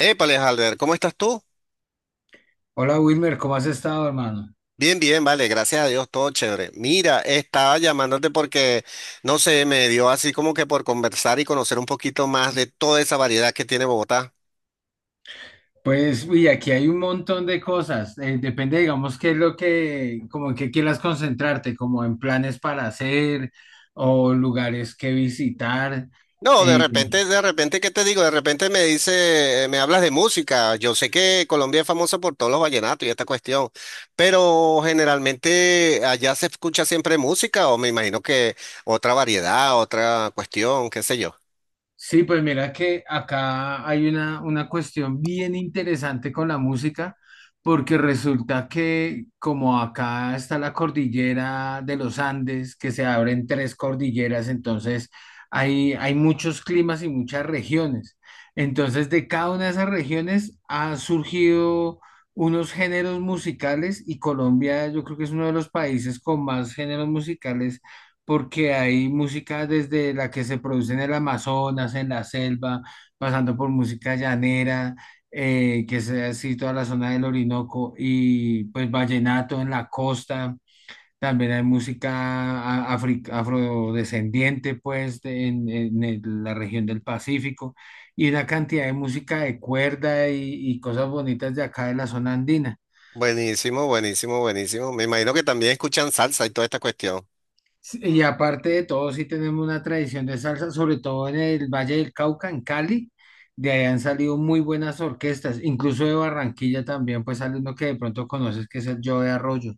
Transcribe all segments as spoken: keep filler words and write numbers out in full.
Épale, Halber, ¿cómo estás tú? Hola Wilmer, ¿cómo has estado, hermano? Bien, bien, vale, gracias a Dios, todo chévere. Mira, estaba llamándote porque no sé, me dio así como que por conversar y conocer un poquito más de toda esa variedad que tiene Bogotá. Pues, uy, aquí hay un montón de cosas. Eh, depende, digamos, qué es lo que, como en qué quieras concentrarte, como en planes para hacer o lugares que visitar. No, de eh, repente, de repente, ¿qué te digo? De repente me dice, eh, me hablas de música. Yo sé que Colombia es famosa por todos los vallenatos y esta cuestión, pero generalmente allá se escucha siempre música o me imagino que otra variedad, otra cuestión, qué sé yo. Sí, pues mira que acá hay una, una cuestión bien interesante con la música, porque resulta que como acá está la cordillera de los Andes, que se abren tres cordilleras, entonces hay, hay muchos climas y muchas regiones. Entonces de cada una de esas regiones han surgido unos géneros musicales y Colombia yo creo que es uno de los países con más géneros musicales porque hay música desde la que se produce en el Amazonas, en la selva, pasando por música llanera, eh, que sea así toda la zona del Orinoco, y pues vallenato en la costa. También hay música a- afri- afrodescendiente, pues, de- en, en el- la región del Pacífico, y una cantidad de música de cuerda y, y cosas bonitas de acá de la zona andina. Buenísimo, buenísimo, buenísimo. Me imagino que también escuchan salsa y toda esta cuestión. Sí, y aparte de todo, sí tenemos una tradición de salsa, sobre todo en el Valle del Cauca, en Cali. De ahí han salido muy buenas orquestas, incluso de Barranquilla también, pues sale uno que de pronto conoces, que es el Joe de Arroyo.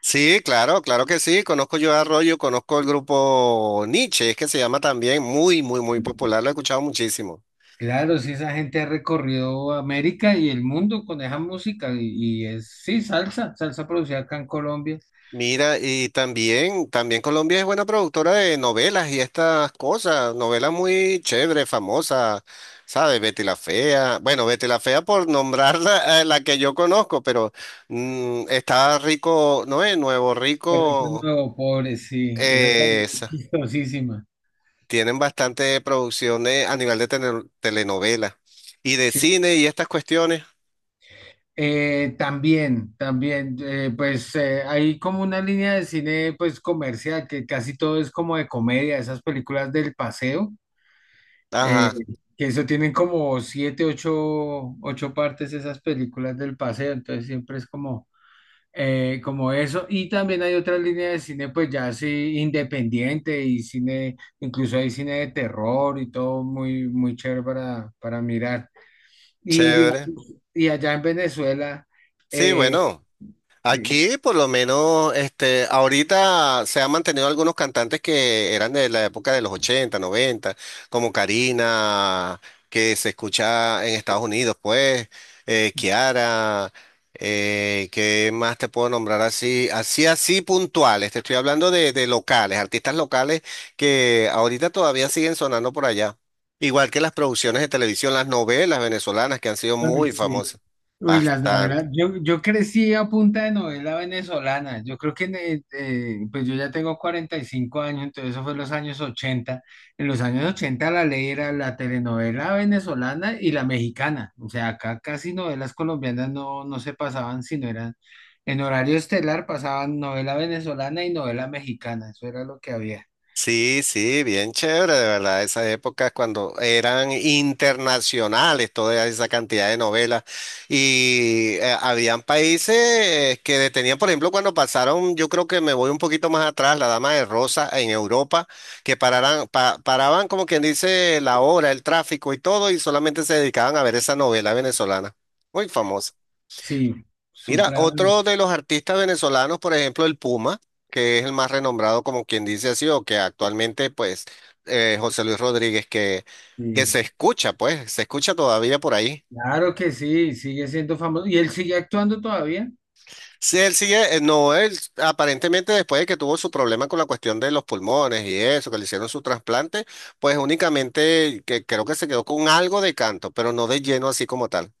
Sí, claro, claro que sí. Conozco yo a Arroyo, conozco el grupo Nietzsche, es que se llama también muy, muy, muy popular. Lo he escuchado muchísimo. Claro, sí, esa gente ha recorrido América y el mundo con esa música y, y es, sí, salsa, salsa producida acá en Colombia. Mira, y también, también Colombia es buena productora de novelas y estas cosas, novelas muy chéveres, famosas, ¿sabes? Betty la Fea. Bueno, Betty la Fea por nombrar la, eh, la que yo conozco, pero mm, está Rico, ¿no es? Nuevo Perrito Rico. Nuevo Pobre, sí, esa es Esa. talentosísima. Tienen bastante producciones a nivel de tele- telenovela y de cine y estas cuestiones. Eh, también, también, eh, pues eh, hay como una línea de cine pues comercial que casi todo es como de comedia, esas películas del paseo, eh, Ajá. Mm. que eso tienen como siete, ocho, ocho partes esas películas del paseo, entonces siempre es como, eh, como eso. Y también hay otra línea de cine pues ya así independiente y cine, incluso hay cine de terror y todo muy, muy chévere para, para mirar. Y Chévere. digamos, y allá en Venezuela. Sí, Eh, bueno. que- Aquí, por lo menos, este, ahorita se han mantenido algunos cantantes que eran de la época de los ochenta, noventa, como Karina, que se escucha en Estados Unidos, pues, eh, Kiara, eh, ¿qué más te puedo nombrar así? Así, así puntuales. Te estoy hablando de, de locales, artistas locales que ahorita todavía siguen sonando por allá. Igual que las producciones de televisión, las novelas venezolanas que han sido Uy, muy sí. famosas. Uy, las Bastante. novelas. Yo, yo crecí a punta de novela venezolana. Yo creo que, en el- eh, pues yo ya tengo cuarenta y cinco años, entonces eso fue en los años ochenta. En los años ochenta la ley era la telenovela venezolana y la mexicana. O sea, acá casi novelas colombianas no, no se pasaban, sino eran en horario estelar pasaban novela venezolana y novela mexicana. Eso era lo que había. Sí, sí, bien chévere, de verdad, esas épocas cuando eran internacionales toda esa cantidad de novelas y eh, habían países que detenían, por ejemplo, cuando pasaron, yo creo que me voy un poquito más atrás, La Dama de Rosa en Europa, que pararan, pa- paraban como quien dice la hora, el tráfico y todo y solamente se dedicaban a ver esa novela venezolana, muy famosa. Sí, Mira, Supra. otro de los artistas venezolanos, por ejemplo, el Puma, que es el más renombrado, como quien dice así, o que actualmente, pues, eh, José Luis Rodríguez, que, que Sí. se escucha, pues, se escucha todavía por ahí. Claro que sí, sigue siendo famoso. ¿Y él sigue actuando todavía? Sí, él sigue, eh, no, él aparentemente después de que tuvo su problema con la cuestión de los pulmones y eso, que le hicieron su trasplante, pues únicamente que creo que se quedó con algo de canto, pero no de lleno así como tal.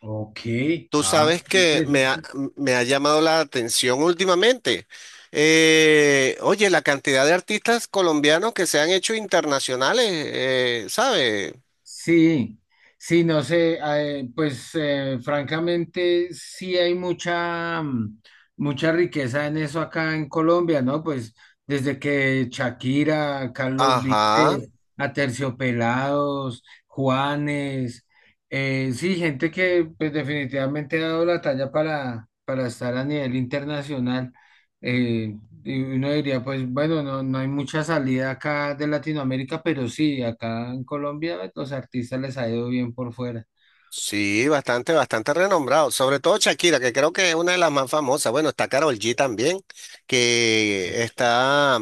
Ok, Tú ah, sabes qué que me ha, interesante. Me ha llamado la atención últimamente. Eh, oye, la cantidad de artistas colombianos que se han hecho internacionales, eh, ¿sabes? Sí, sí, no sé, ah, eh, pues eh, francamente sí hay mucha, mm, mucha riqueza en eso acá en Colombia, ¿no? Pues desde que Shakira, Carlos Ajá, Vives, Aterciopelados, Juanes, eh, sí, gente que pues definitivamente ha dado la talla para, para estar a nivel internacional. Eh, Y uno diría, pues bueno, no, no hay mucha salida acá de Latinoamérica, pero sí, acá en Colombia los artistas les ha ido bien por fuera. sí, bastante, bastante renombrado. Sobre todo Shakira, que creo que es una de las más famosas. Bueno, está Karol G también, que está,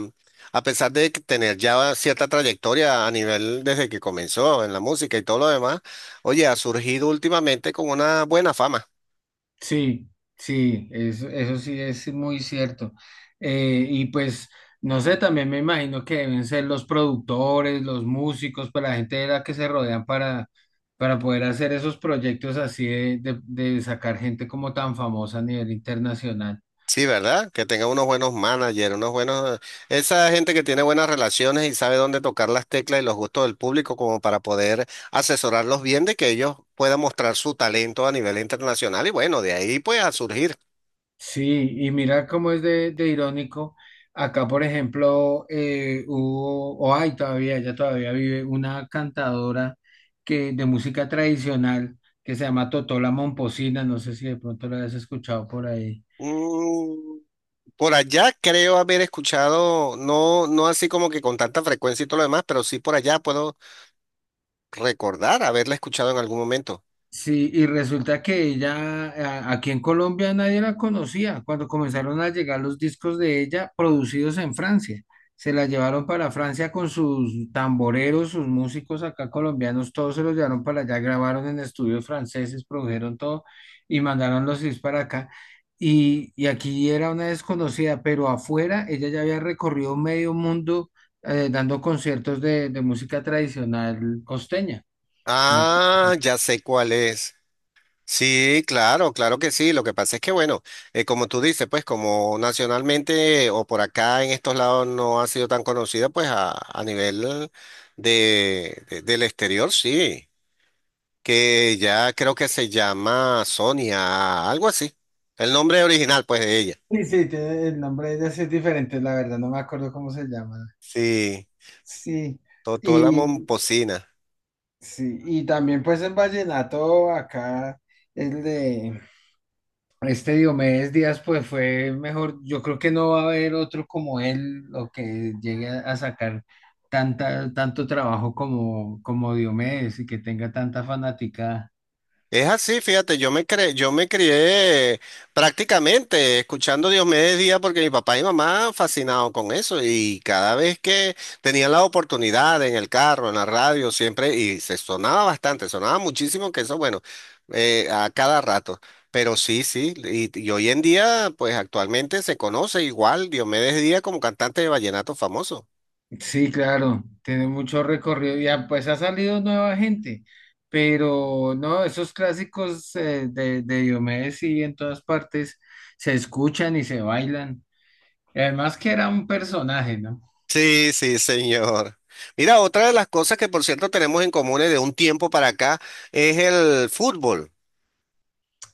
a pesar de que tener ya cierta trayectoria a nivel desde que comenzó en la música y todo lo demás, oye, ha surgido últimamente con una buena fama. Sí, sí, eso, eso sí es muy cierto. Eh, y pues, no sé, también me imagino que deben ser los productores, los músicos, pues la gente de la que se rodean para, para poder hacer esos proyectos así de, de de sacar gente como tan famosa a nivel internacional. Sí, ¿verdad? Que tenga unos buenos managers, unos buenos... Esa gente que tiene buenas relaciones y sabe dónde tocar las teclas y los gustos del público como para poder asesorarlos bien de que ellos puedan mostrar su talento a nivel internacional y bueno, de ahí pues a surgir. Sí, y mira cómo es de, de irónico. Acá, por ejemplo, eh, hubo, o hay todavía, ella todavía vive, una cantadora que, de música tradicional que se llama Totola Momposina, no sé si de pronto la has escuchado por ahí. Mm, por allá creo haber escuchado, no, no así como que con tanta frecuencia y todo lo demás, pero sí por allá puedo recordar haberla escuchado en algún momento. Sí, y resulta que ella, a- aquí en Colombia nadie la conocía. Cuando comenzaron a llegar los discos de ella producidos en Francia, se la llevaron para Francia con sus tamboreros, sus músicos acá colombianos, todos se los llevaron para allá, grabaron en estudios franceses, produjeron todo y mandaron los discos para acá. Y, y aquí era una desconocida, pero afuera ella ya había recorrido medio mundo eh, dando conciertos de, de música tradicional costeña. Ah, ya sé cuál es. Sí, claro, claro que sí. Lo que pasa es que, bueno, eh, como tú dices, pues como nacionalmente o por acá en estos lados no ha sido tan conocida, pues a, a nivel de, de- del exterior, sí, que ya creo que se llama Sonia, algo así. El nombre original, pues, de ella. Sí, sí, tiene el nombre de ella es diferente, la verdad, no me acuerdo cómo se llama. Sí, Sí, Totó la y momposina. sí, y también pues en vallenato acá el de este Diomedes Díaz pues fue mejor, yo creo que no va a haber otro como él o que llegue a sacar tanta, tanto trabajo como, como Diomedes y que tenga tanta fanática. Es así, fíjate, yo me cre- yo me crié prácticamente escuchando Diomedes Díaz porque mi papá y mamá fascinados con eso y cada vez que tenían la oportunidad en el carro, en la radio, siempre, y se sonaba bastante, sonaba muchísimo que eso, bueno, eh, a cada rato. Pero sí, sí, y, y hoy en día, pues actualmente se conoce igual Diomedes Díaz como cantante de vallenato famoso. Sí, claro, tiene mucho recorrido. Ya, pues ha salido nueva gente, pero no, esos clásicos eh, de, de Diomedes sí en todas partes se escuchan y se bailan. Y además que era un personaje, ¿no? Sí, sí, señor. Mira, otra de las cosas que por cierto tenemos en común de un tiempo para acá es el fútbol.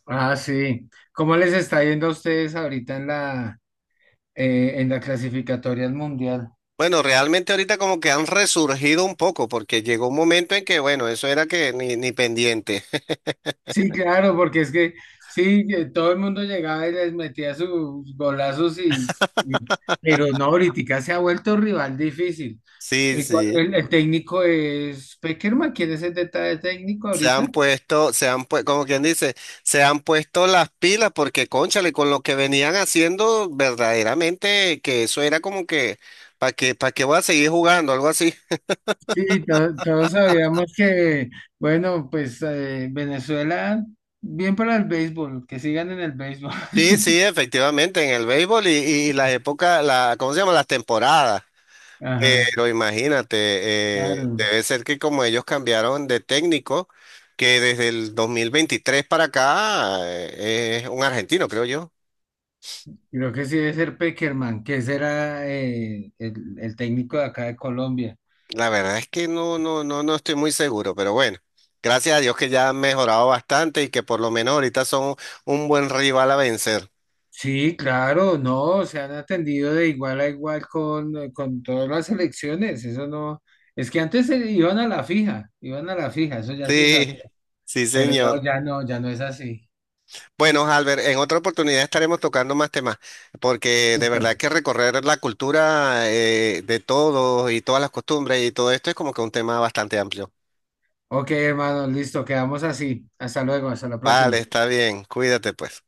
Ah, sí. ¿Cómo les está yendo a ustedes ahorita en la, eh, en la clasificatoria al mundial? Bueno, realmente ahorita como que han resurgido un poco porque llegó un momento en que, bueno, eso era que ni, ni pendiente. Sí, claro, porque es que sí, que todo el mundo llegaba y les metía sus golazos y, y- pero no, ahorita se ha vuelto rival difícil. Sí, El, cua- sí. el- el técnico es Peckerman, ¿quién es el detalle técnico Se ahorita? han puesto, se han puesto, como quien dice, se han puesto las pilas porque, cónchale, con lo que venían haciendo, verdaderamente que eso era como que, ¿para qué, ¿para qué voy a seguir jugando? Algo así. Sí, to- todos sabíamos que, bueno, pues eh, Venezuela, bien para el béisbol, que sigan en el béisbol. Sí, sí, efectivamente, en el béisbol y, y las épocas, la, ¿cómo se llama? Las temporadas. Ajá, Pero imagínate, eh, claro. debe ser que como ellos cambiaron de técnico, que desde el dos mil veintitrés para acá eh, es un argentino, creo yo. Creo que sí debe ser Peckerman, que ese era eh, el, el técnico de acá de Colombia. La verdad es que no, no, no, no estoy muy seguro, pero bueno, gracias a Dios que ya han mejorado bastante y que por lo menos ahorita son un buen rival a vencer. Sí, claro, no, se han atendido de igual a igual con, eh, con todas las elecciones, eso no, es que antes se iban a la fija, iban a la fija, eso ya se Sí, sabía, sí, pero señor. no, ya no, ya no es así. Bueno, Albert, en otra oportunidad estaremos tocando más temas, porque de Listo. verdad que recorrer la cultura eh, de todos y todas las costumbres y todo esto es como que un tema bastante amplio. Ok, hermano, listo, quedamos así, hasta luego, hasta la Vale, próxima. está bien, cuídate pues.